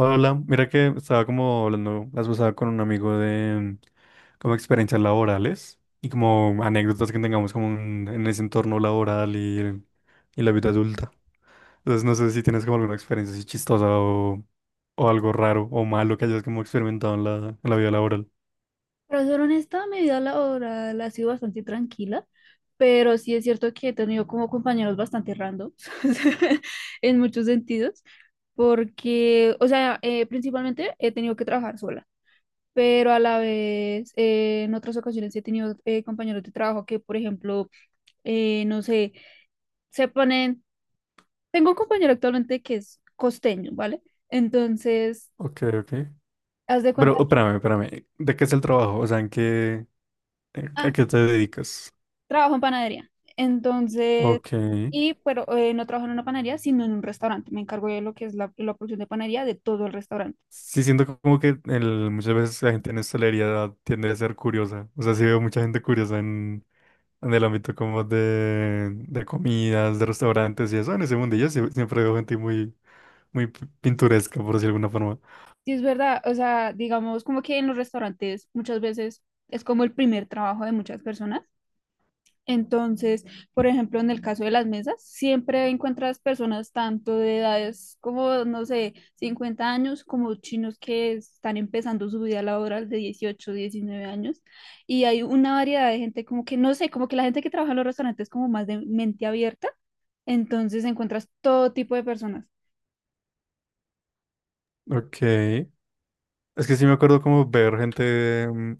Hola, hola. Mira que estaba como hablando las pasaba con un amigo de como experiencias laborales y como anécdotas que tengamos como en ese entorno laboral y la vida adulta. Entonces no sé si tienes como alguna experiencia así chistosa o algo raro o malo que hayas como experimentado en la vida laboral. Para ser honesta, mi vida laboral ha sido bastante tranquila, pero sí es cierto que he tenido como compañeros bastante randoms en muchos sentidos, porque, o sea, principalmente he tenido que trabajar sola, pero a la vez en otras ocasiones he tenido compañeros de trabajo que, por ejemplo, no sé, se ponen, tengo un compañero actualmente que es costeño, ¿vale? Entonces, Ok, ok. haz de Pero cuenta, oh, espérame. ¿De qué es el trabajo? O sea, ¿en qué, a ah, qué te dedicas? trabajo en panadería. Entonces, Ok. y pero no trabajo en una panadería, sino en un restaurante. Me encargo de lo que es la producción de panadería de todo el restaurante. Sí, siento como que muchas veces la gente en hostelería tiende a ser curiosa. O sea, sí veo mucha gente curiosa en el ámbito como de comidas, de restaurantes y eso. En ese mundillo siempre veo gente muy pintoresca, por decirlo de alguna forma. Sí, es verdad, o sea, digamos como que en los restaurantes muchas veces es como el primer trabajo de muchas personas. Entonces, por ejemplo, en el caso de las mesas, siempre encuentras personas tanto de edades como, no sé, 50 años, como chinos que están empezando su vida laboral de 18 19 años. Y hay una variedad de gente como que, no sé, como que la gente que trabaja en los restaurantes es como más de mente abierta. Entonces encuentras todo tipo de personas. Ok. Es que sí me acuerdo como ver gente.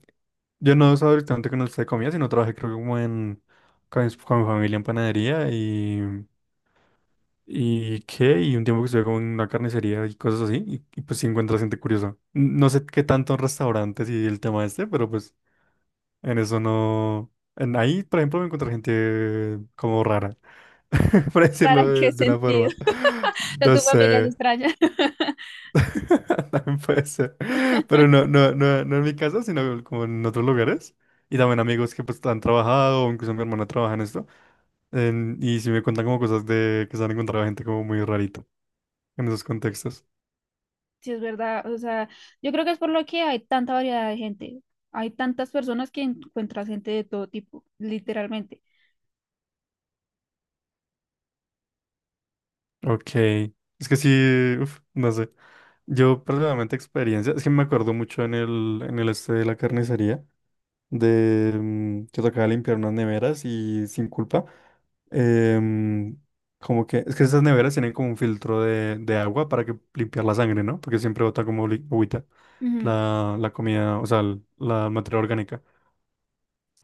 Yo no estaba directamente con el de comida, sino trabajé creo que como en... con mi familia en panadería y ¿y qué? Y un tiempo que estuve como en una carnicería y cosas así, y pues sí encuentras gente curiosa. No sé qué tanto en restaurantes y el tema este, pero pues en eso no... En ahí, por ejemplo, me encontré gente como rara, para ¿Rara decirlo en qué de una sentido? forma. ¿A No tu familia es sé, extraña? también puede ser. Pero no, no en mi casa, sino como en otros lugares. Y también amigos que pues han trabajado, o incluso mi hermana trabaja en esto. Y si me cuentan como cosas de que se han encontrado gente como muy rarito en esos contextos. Sí, es verdad. O sea, yo creo que es por lo que hay tanta variedad de gente. Hay tantas personas que encuentras gente de todo tipo, literalmente. Ok. Es que sí, uf, no sé. Yo personalmente experiencia, es que me acuerdo mucho en el este de la carnicería, que tocaba limpiar unas neveras y sin culpa. em, Como que, es que esas neveras tienen como un filtro de agua para que limpiar la sangre, ¿no? Porque siempre bota como agüita Ujú. la comida, o sea, la materia orgánica.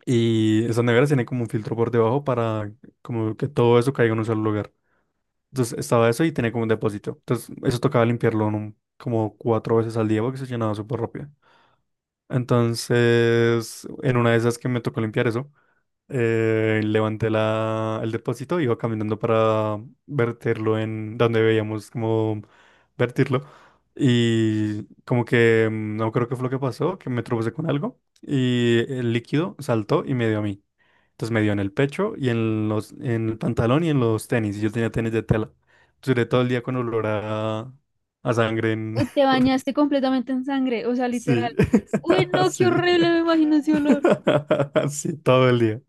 Y esas neveras tienen como un filtro por debajo para como que todo eso caiga en un solo lugar. Entonces estaba eso y tenía como un depósito. Entonces eso tocaba limpiarlo en como cuatro veces al día porque se llenaba súper rápido. Entonces, en una de esas que me tocó limpiar eso, levanté la, el depósito, iba caminando para verterlo en donde veíamos como vertirlo. Y como que no creo que fue lo que pasó, que me tropecé con algo y el líquido saltó y me dio a mí. Entonces me dio en el pecho y en en el pantalón y en los tenis. Y yo tenía tenis de tela. Duré todo el día con olor a sangre Uy, te por- bañaste completamente en sangre, o sea, Sí, literal. Uy, no, qué así. horrible, me imagino ese olor. Sí, todo el día.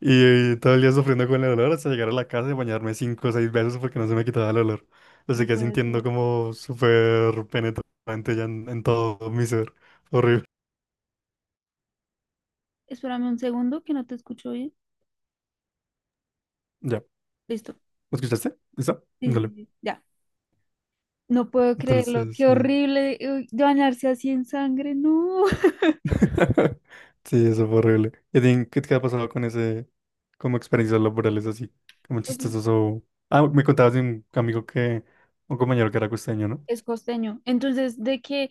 Y todo el día sufriendo con el olor hasta llegar a la casa y bañarme cinco o seis veces porque no se me quitaba el olor. Lo No seguía puede sintiendo ser. como súper penetrante ya en todo mi ser. Horrible. Espérame un segundo que no te escucho bien. Ya. Listo. ¿Me escuchaste? ¿Listo? Sí, sí, Dale. sí. Ya. No puedo creerlo. Entonces, Qué sí. horrible. Uy, bañarse así en sangre. No. Sí, eso fue horrible. ¿Y a ti qué te ha pasado con ese, como experiencias laborales así? Como chistosos o... Ah, me contabas de un amigo que, un compañero que era costeño, ¿no? Es costeño. Entonces, de que,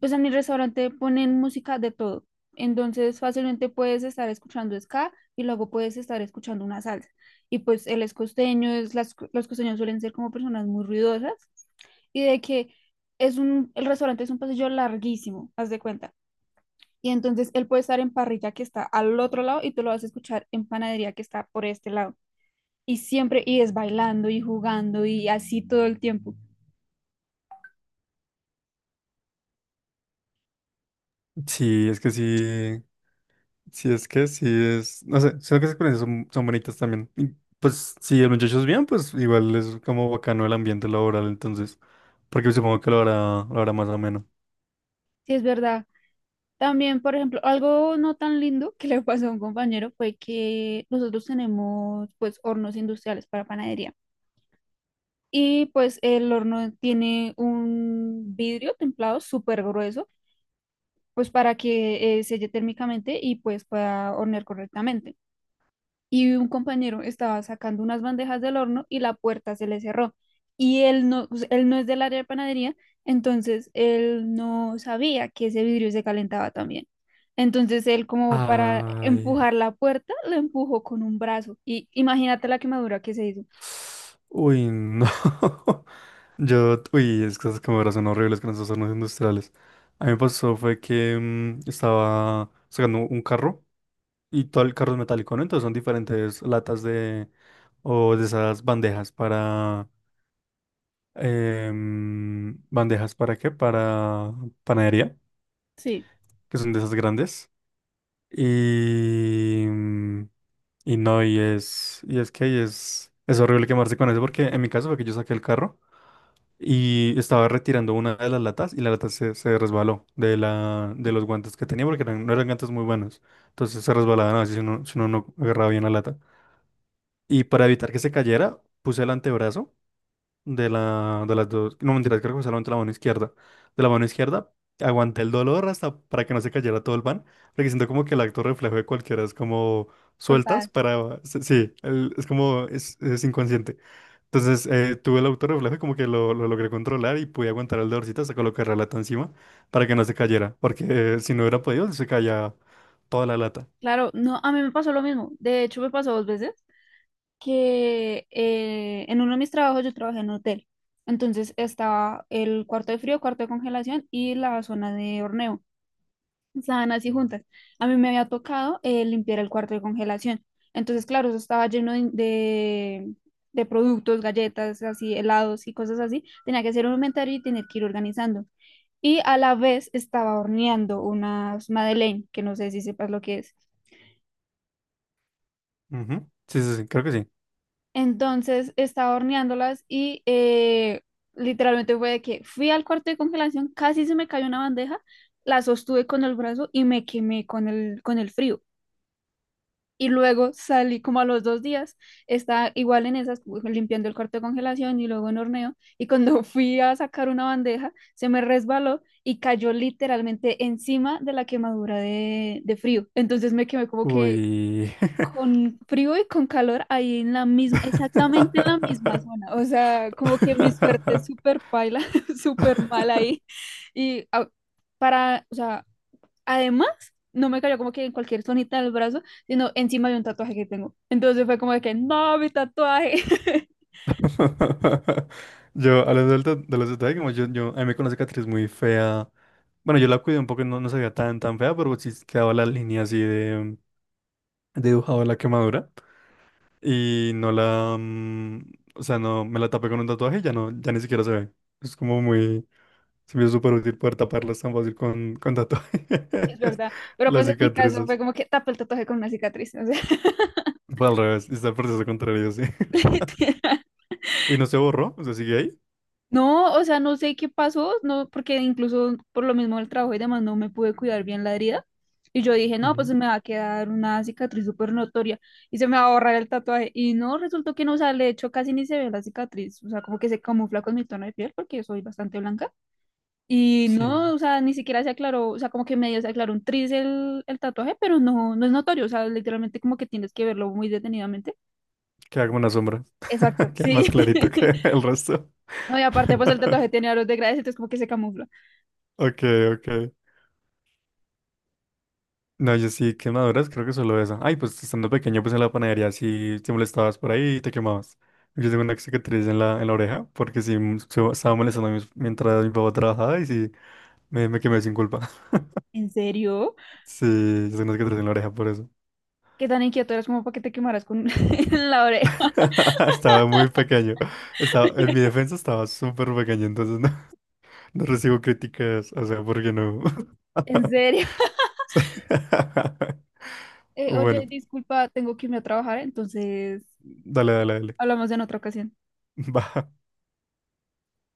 pues en mi restaurante ponen música de todo. Entonces, fácilmente puedes estar escuchando ska y luego puedes estar escuchando una salsa. Y pues él es costeño, es, las, los costeños suelen ser como personas muy ruidosas y de que el restaurante es un pasillo larguísimo, haz de cuenta. Y entonces él puede estar en parrilla que está al otro lado y tú lo vas a escuchar en panadería que está por este lado. Y siempre, y es bailando y jugando y así todo el tiempo. Sí, es que sí. Si es que sí es, no sé, siento que esas experiencias son bonitas también. Y, pues si el muchacho es bien, pues igual es como bacano el ambiente laboral, entonces, porque supongo que lo hará más ameno. Sí, es verdad. También, por ejemplo, algo no tan lindo que le pasó a un compañero fue que nosotros tenemos pues hornos industriales para panadería y pues el horno tiene un vidrio templado súper grueso pues para que selle térmicamente y pues pueda hornear correctamente y un compañero estaba sacando unas bandejas del horno y la puerta se le cerró. Y él no, pues, él no es del área de panadería, entonces él no sabía que ese vidrio se calentaba también. Entonces él como para Ay. empujar la puerta, la empujó con un brazo. Y imagínate la quemadura que se hizo. Uy, no. Yo, uy, es que esas cámaras son horribles con esos hornos industriales. A mí me pasó fue que estaba sacando un carro y todo el carro es metálico, ¿no? Entonces son diferentes latas de, o de esas bandejas bandejas para qué? Para panadería, Sí. que son de esas grandes. Y, mm, y no, y es que ahí es horrible quemarse con eso, porque en mi caso fue que yo saqué el carro y estaba retirando una de las latas y la lata se resbaló de los guantes que tenía, porque no eran guantes muy buenos. Entonces se resbalaban así si uno no agarraba bien la lata. Y para evitar que se cayera, puse el antebrazo. De las dos, no mentira, creo que fue solamente la mano izquierda. De la mano izquierda aguanté el dolor hasta para que no se cayera todo el pan, porque siento como que el acto reflejo de cualquiera es como sueltas Soltada. para, sí, sí, es como, es inconsciente. Entonces tuve el auto reflejo y como que lo logré controlar y pude aguantar el dolorcito hasta colocar la lata encima para que no se cayera, porque si no hubiera podido se caía toda la lata. Claro, no, a mí me pasó lo mismo. De hecho, me pasó 2 veces. Que en uno de mis trabajos yo trabajé en un hotel. Entonces estaba el cuarto de frío, cuarto de congelación y la zona de horneo. Estaban así juntas. A mí me había tocado limpiar el cuarto de congelación. Entonces, claro, eso estaba lleno de productos, galletas, así, helados y cosas así. Tenía que hacer un inventario y tener que ir organizando. Y a la vez estaba horneando unas madeleine, que no sé si sepas lo que es. Ujú. Sí, creo que sí. Entonces estaba horneándolas y literalmente fue de que fui al cuarto de congelación, casi se me cayó una bandeja, la sostuve con el brazo y me quemé con el frío. Y luego salí como a los 2 días, estaba igual en esas, limpiando el cuarto de congelación y luego en horneo. Y cuando fui a sacar una bandeja, se me resbaló y cayó literalmente encima de la quemadura de frío. Entonces me quemé como que Uy. con frío y con calor ahí en la misma, exactamente en la misma zona. O sea, como que mi suerte es súper paila, súper mal ahí. Y ah, o sea, además, no me cayó como que en cualquier zonita del brazo, sino encima de un tatuaje que tengo. Entonces fue como de que, no, mi tatuaje. Yo, hablando del de los detalles, como a mí me conoce una cicatriz muy fea. Bueno, yo la cuidé un poco, no se veía tan fea, pero sí quedaba la línea así de dibujado de la quemadura. Y no o sea, no, me la tapé con un tatuaje y ya no, ya ni siquiera se ve. Es como muy, se me hizo súper útil poder taparlas tan fácil con tatuajes, Sí, es verdad, pero las pues en mi caso fue cicatrices. como que tapé el tatuaje con una cicatriz, o sea, Fue al revés, está el proceso contrario, sí. literal. Y no se borró, o sea, sigue ahí. No, o sea, no sé qué pasó, no, porque incluso por lo mismo del trabajo y demás no me pude cuidar bien la herida. Y yo dije, no, pues Ujú. se me va a quedar una cicatriz súper notoria y se me va a borrar el tatuaje. Y no, resultó que no, o sea, de hecho casi ni se ve la cicatriz, o sea, como que se camufla con mi tono de piel porque soy bastante blanca. Y no, Sí. o sea, ni siquiera se aclaró, o sea, como que medio se aclaró un tris el tatuaje, pero no, no es notorio, o sea, literalmente como que tienes que verlo muy detenidamente. Queda como una sombra. Exacto, Queda sí. más clarito que el resto. No, y aparte, pues el tatuaje tiene aros de grades, entonces como que se camufla. Ok, ok. No, yo sí, quemaduras, creo que solo eso. Ay, pues estando pequeño, pues en la panadería sí te molestabas por ahí y te quemabas. Yo tengo una cicatriz en en la oreja porque sí estaba molestando a mientras mi papá trabajaba y sí me quemé sin culpa. ¿En serio? Sí, yo tengo una cicatriz en la oreja por eso. ¿Qué tan inquieto eras como para que te quemaras con en la oreja? Estaba muy pequeño. Estaba, en mi defensa estaba súper pequeño, entonces no, no recibo críticas, o sea, porque no. ¿En serio? Oye, Bueno. disculpa, tengo que irme a trabajar, entonces Dale, dale, dale. hablamos en otra ocasión. Va.